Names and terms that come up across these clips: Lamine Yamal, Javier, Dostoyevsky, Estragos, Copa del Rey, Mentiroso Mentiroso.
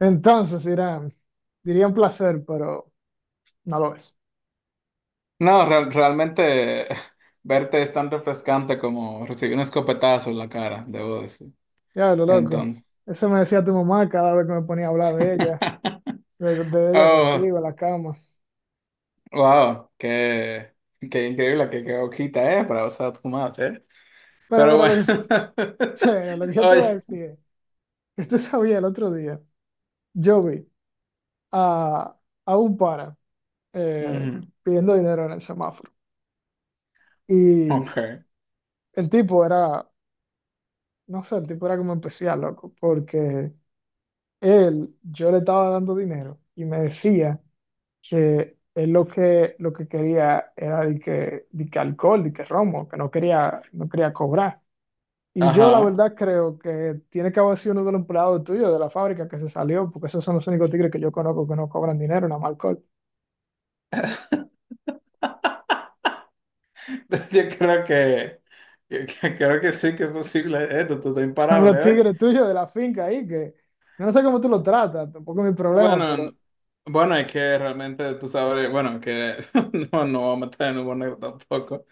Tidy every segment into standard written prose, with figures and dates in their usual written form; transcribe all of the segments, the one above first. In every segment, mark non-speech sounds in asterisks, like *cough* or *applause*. Entonces, Irán, diría un placer, pero no lo es. No, realmente *laughs* verte es tan refrescante como recibir un escopetazo en la cara, debo decir. Ya, lo loco. Entonces, Eso me decía tu mamá cada vez que me ponía a hablar de ella, *laughs* de ella oh, contigo en la cama. wow, qué increíble, qué hojita, para usar tu madre, eh. Pero Pero mira, bueno, *laughs* *laughs* lo que yo te voy a oye, decir es que tú sabías el otro día, yo vi a, a un pana eh, ujú, pidiendo dinero en el semáforo. Y ok, el tipo era, no sé, el tipo era como especial, loco, porque él, yo le estaba dando dinero y me decía que lo que quería era de que alcohol, de que romo, que no quería, no quería cobrar. Y yo la ajá, verdad creo que tiene que haber sido uno de los empleados tuyos de la fábrica que se salió, porque esos son los únicos tigres que yo conozco que no cobran dinero, nada más alcohol. *laughs* *laughs* yo creo que creo que sí que es posible, tú estás Son los imparable hoy. tigres tuyos de la finca ahí, que yo no sé cómo tú los tratas, tampoco es mi problema, Bueno, pero... n- bueno, es que realmente tú sabes, bueno, que *laughs* no, no vamos a meter en humor negro tampoco.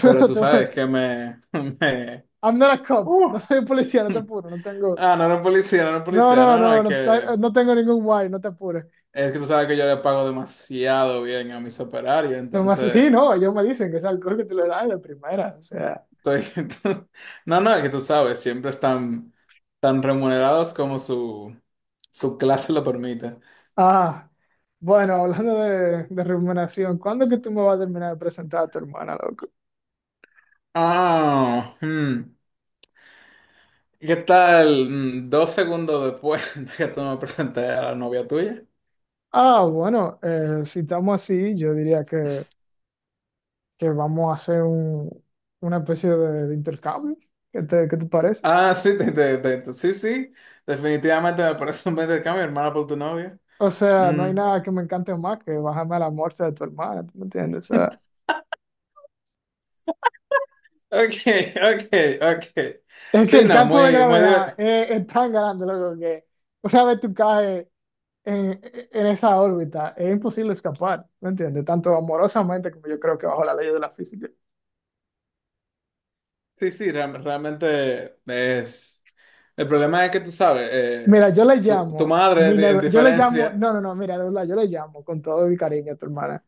Pero tú sabes que me, *laughs* me- I'm not a cop, no uh. soy policía, no te apuro, no tengo, Ah, no era un policía, no era un no, policía. no, No, no, no, no, no, no tengo ningún guay, no te apures. es que tú sabes que yo le pago demasiado bien a mis operarios, Nomás, *laughs* sí, entonces no, ellos me dicen que es alcohol que te lo dan de primera, o sea. estoy. *laughs* No, no, es que tú sabes, siempre están tan remunerados como su clase lo permite. Ah, bueno, hablando de remuneración, ¿cuándo es que tú me vas a terminar de presentar a tu hermana, loco? Ah, hmm. ¿Qué tal? Dos segundos después *laughs* de que tú me presenté a la novia tuya. Ah, bueno, si estamos así, yo diría que vamos a hacer una especie de intercambio. ¿Qué te parece? Sí. Definitivamente me parece un buen intercambio, hermana por tu novia. O sea, no hay Mm, nada que me encante más que bajarme a la morsa de tu hermana, ¿tú me entiendes? O sea, ok, *laughs* ok, ok. es que Sí, el no, campo de muy, muy gravedad divertido. Es tan grande, loco, que una vez tú caes en, en esa órbita. Es imposible escapar, ¿me entiendes? Tanto amorosamente como yo creo que bajo la ley de la física. Sí, sí, realmente es... El problema es que tú sabes, Mira, tu madre, en yo le llamo, diferencia... no, no, no, mira, de verdad, yo le llamo con todo mi cariño a tu hermana,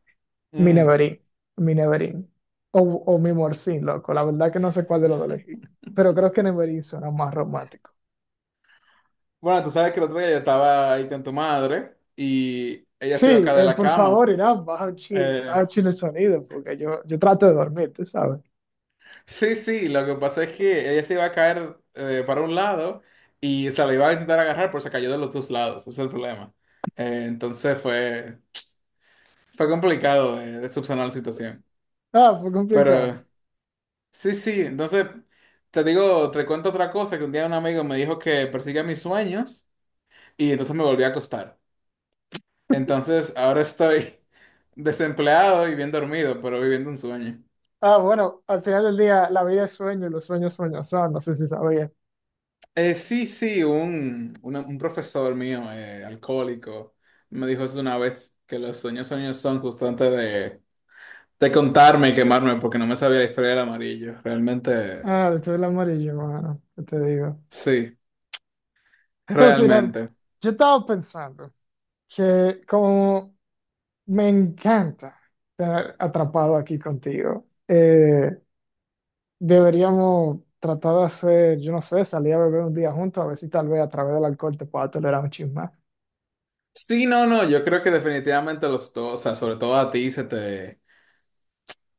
mi mm. neverín, mi neverín, o mi morcín, loco. La verdad que no sé cuál de los dos elegí, pero creo que neverín suena más romántico. Bueno, tú sabes que el otro día yo estaba ahí con tu madre y ella Sí, se iba a caer de la por favor, cama. Irán, baja Eh, un chin el sonido, porque yo trato de dormir, tú sabes. sí, sí, lo que pasa es que ella se iba a caer para un lado y se la iba a intentar agarrar, pero se cayó de los dos lados. Ese es el problema. Entonces fue... Fue complicado subsanar la situación. Ah, fue complicado. Pero sí, sí, entonces te digo, te cuento otra cosa, que un día un amigo me dijo que persiga mis sueños y entonces me volví a acostar. Entonces ahora estoy *laughs* desempleado y bien dormido, pero viviendo un sueño. Ah, bueno, al final del día, la vida es sueño y los sueños sueños son, no sé si sabía. Sí, sí, un profesor mío, alcohólico, me dijo eso una vez, que los sueños sueños son justo antes de contarme y quemarme porque no me sabía la historia del amarillo. Ah, esto es el amarillo, mano, ¿qué te digo? sí, Entonces, mira, realmente. yo estaba pensando que como me encanta estar atrapado aquí contigo, deberíamos tratar de hacer, yo no sé, salir a beber un día juntos, a ver si tal vez a través del alcohol te pueda tolerar un chisme. Sí, no, no, yo creo que definitivamente los dos, o sea, sobre todo a ti se te...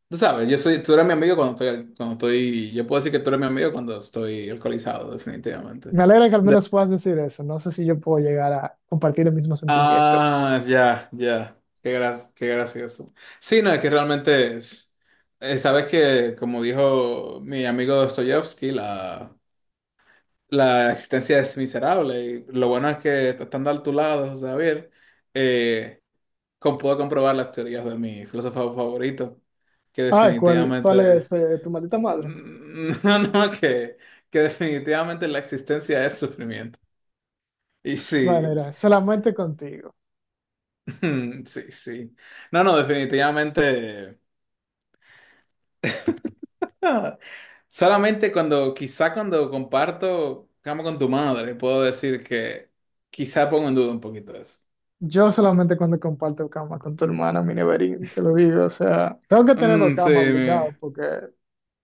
Tú sabes, yo soy, tú eres mi amigo cuando estoy, yo puedo decir que tú eres mi amigo cuando estoy alcoholizado, definitivamente. Me alegra que al De- menos puedas decir eso, no sé si yo puedo llegar a compartir el mismo sentimiento. Ah, ya, ya, qué gracioso. Sí, no, es que realmente, sabes que, como dijo mi amigo Dostoyevsky, la existencia es miserable y lo bueno es que estando a tu lado, Javier, eh, puedo comprobar las teorías de mi filósofo favorito, que Ah, ¿cuál definitivamente, es tu maldita *laughs* madre? no, no, que definitivamente la existencia es sufrimiento. Y Vale, sí, mira, solamente contigo. *laughs* sí, sí. No, no, definitivamente. Ah, solamente cuando, quizá cuando comparto cama con tu madre, puedo decir que quizá pongo en duda un poquito eso. Yo solamente cuando comparto cama con tu hermana, mi neverín, te lo digo. O sea, tengo que tener dos Mm, sí, camas mi- obligado porque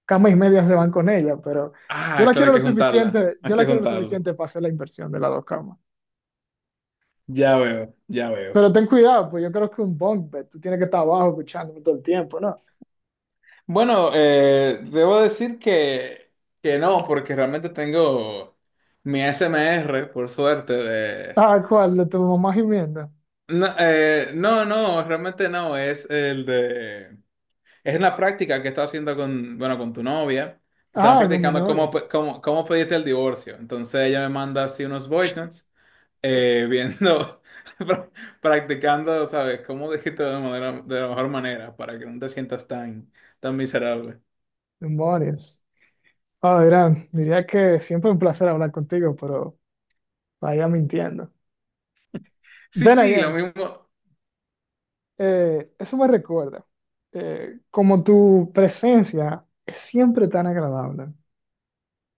cama y media se van con ella, pero yo ah, la claro, quiero hay lo que juntarla, suficiente, hay yo que la quiero lo juntarlo. suficiente para hacer la inversión de las dos camas. Ya veo, ya veo. Pero ten cuidado, pues yo creo que un bunk bed, tú tienes que estar abajo escuchándome todo el tiempo, ¿no? Bueno, debo decir que no, porque realmente tengo mi SMR por suerte, de... Ah, ¿cuál? ¿De tu mamá gimiendo? No, no, no, realmente no, es el de... Es la práctica que estaba haciendo con, bueno, con tu novia, que estaban Ah, con mi practicando novia. Cómo, cómo pedirte el divorcio. Entonces ella me manda así unos voice notes, viendo, *laughs* pra- practicando, ¿sabes? Cómo decirte manera, de la mejor manera para que no te sientas tan, tan miserable. Demonios. Ah, Irán, diría que siempre un placer hablar contigo, pero vaya mintiendo. Sí, Then sí, lo again, mismo. Eso me recuerda, como tu presencia es siempre tan agradable,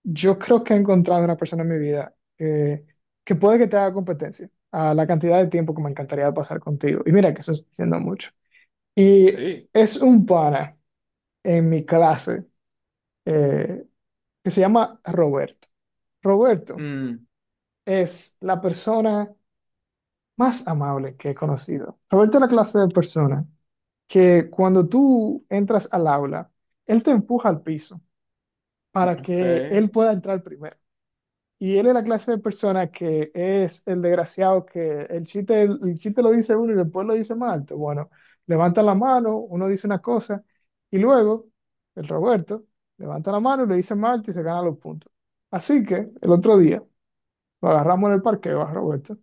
yo creo que he encontrado una persona en mi vida que puede que te haga competencia a la cantidad de tiempo que me encantaría pasar contigo. Y mira que eso está diciendo mucho. Y Sí. es un pana en mi clase eh, que se llama Roberto. Roberto Mm, es la persona más amable que he conocido. Roberto es la clase de persona que cuando tú entras al aula, él te empuja al piso para que él ok. pueda entrar primero. Y él es la clase de persona que es el desgraciado el chiste lo dice uno y después lo dice más alto. Bueno, levanta la mano, uno dice una cosa y luego el Roberto levanta la mano y le dice más alto y se gana los puntos. Así que el otro día lo agarramos en el parqueo a Roberto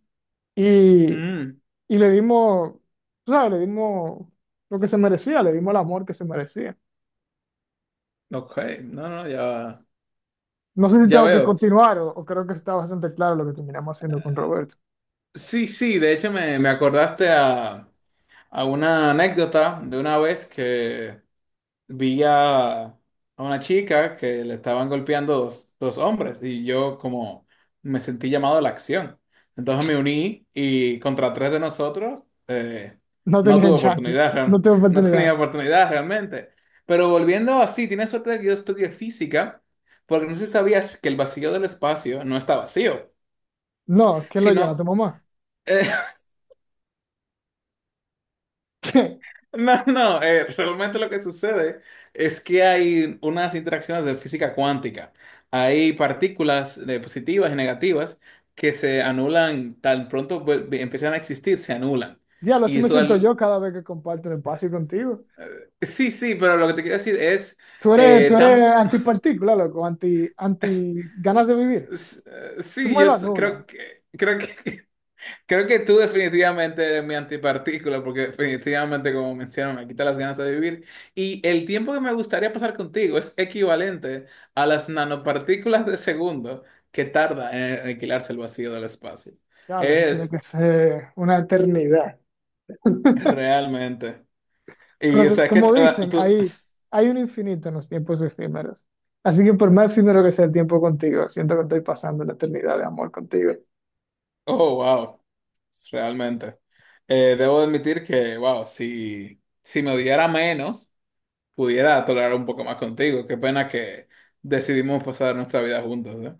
y, Mm, y le dimos, tú ¿sabes? Le dimos lo que se merecía, le dimos el amor que se merecía. ok. No, no, ya, No sé si ya tengo que veo. continuar o creo que está bastante claro lo que terminamos haciendo con Roberto. Sí, sí, de hecho me acordaste a una anécdota de una vez que vi a una chica que le estaban golpeando dos, dos hombres y yo como me sentí llamado a la acción. Entonces me uní y contra tres de nosotros No no tenías tuve chance, oportunidad, no real- tengo *laughs* no tenía oportunidad. oportunidad realmente. Pero volviendo así, tienes suerte de que yo estudié física, porque no sé si sabías que el vacío del espacio no está vacío, No, ¿quién lo llena? sino... ¿Tu mamá? *laughs* *laughs* No, no, realmente lo que sucede es que hay unas interacciones de física cuántica. Hay partículas positivas y negativas que se anulan tan pronto empiezan a existir, se anulan. Diablo, así Y me eso da... siento lu- yo cada vez que comparto el espacio contigo. eh, sí, sí, pero lo que te quiero decir es eh, Tú eres tan... antipartícula, loco, anti, anti ganas de vivir. Tú sí, me lo anulas. creo que... Creo que *laughs* creo que tú definitivamente eres mi antipartícula, porque definitivamente, como menciono, me quita las ganas de vivir. Y el tiempo que me gustaría pasar contigo es equivalente a las nanopartículas de segundo que tarda en aniquilarse el vacío del espacio. Diablo, eso tiene Es que ser una eternidad. realmente. Y Pero o sea, es que como dicen, tú. Hay un infinito en los tiempos efímeros. Así que por más efímero que sea el tiempo contigo, siento que estoy pasando la eternidad de amor contigo. Oh, wow. Realmente. Debo admitir que, wow, si, si me odiara menos, pudiera tolerar un poco más contigo. Qué pena que decidimos pasar nuestra vida juntos, ¿eh?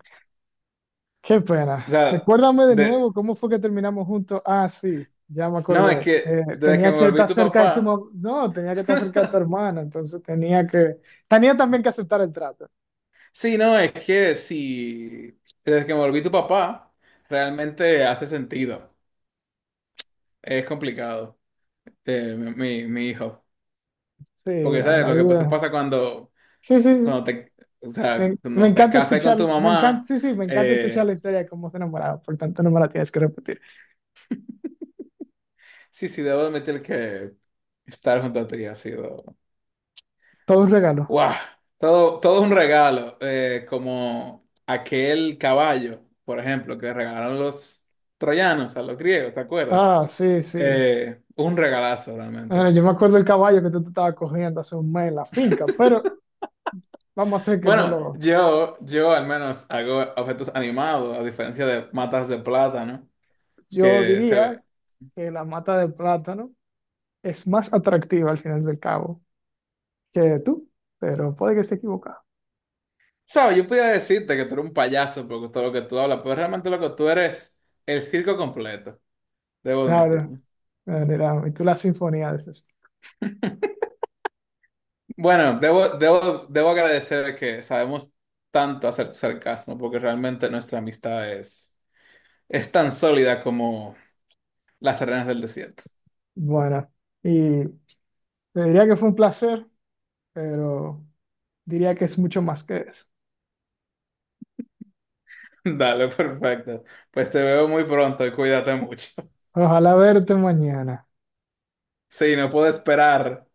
Qué O pena. sea, Recuérdame de de, nuevo cómo fue que terminamos juntos. Ah, sí, ya me no, es acordé. que desde que Tenía me que volví estar tu cerca de tu papá, mamá. No, tenía que estar cerca de tu *laughs* hermana, entonces tenía que... Tenía también que aceptar el trato. sí, no, es que sí, desde que me volví tu papá, realmente hace sentido. Es complicado, mi hijo. Sí, Porque, ¿sabes? la Lo que pasó vida. pasa cuando, Sí, sí, sí. cuando te, o sea, Me cuando te encanta casas con escuchar, tu me encanta, mamá, sí, sí, me encanta escuchar eh, la historia de cómo se enamoraron. Por tanto, no me la tienes que repetir. sí, sí, debo admitir que estar junto a ti ha sido Todo un regalo. wow, todo un regalo, como aquel caballo, por ejemplo, que regalaron los troyanos a los griegos, ¿te acuerdas? Ah, sí, sí. Un regalazo Ah, realmente. yo me acuerdo del caballo que tú te estabas cogiendo hace un mes en la finca, pero vamos a hacer que no Bueno, lo... yo al menos hago objetos animados, a diferencia de matas de plátano, Yo que se diría ve. que la mata de plátano es más atractiva al final del cabo que tú, pero puede que esté equivocado. Sabes, yo podría decirte que tú eres un payaso por todo lo que tú hablas, pero realmente lo que tú eres, el circo completo, debo Claro, admitirlo. y tú la sinfonía de esas. Bueno, debo agradecer que sabemos tanto hacer sarcasmo, porque realmente nuestra amistad es tan sólida como las arenas del desierto. Bueno, y te diría que fue un placer, pero diría que es mucho más que eso. *laughs* Dale, perfecto. Pues te veo muy pronto y cuídate mucho. *laughs* Ojalá verte mañana. Sí, no puedo esperar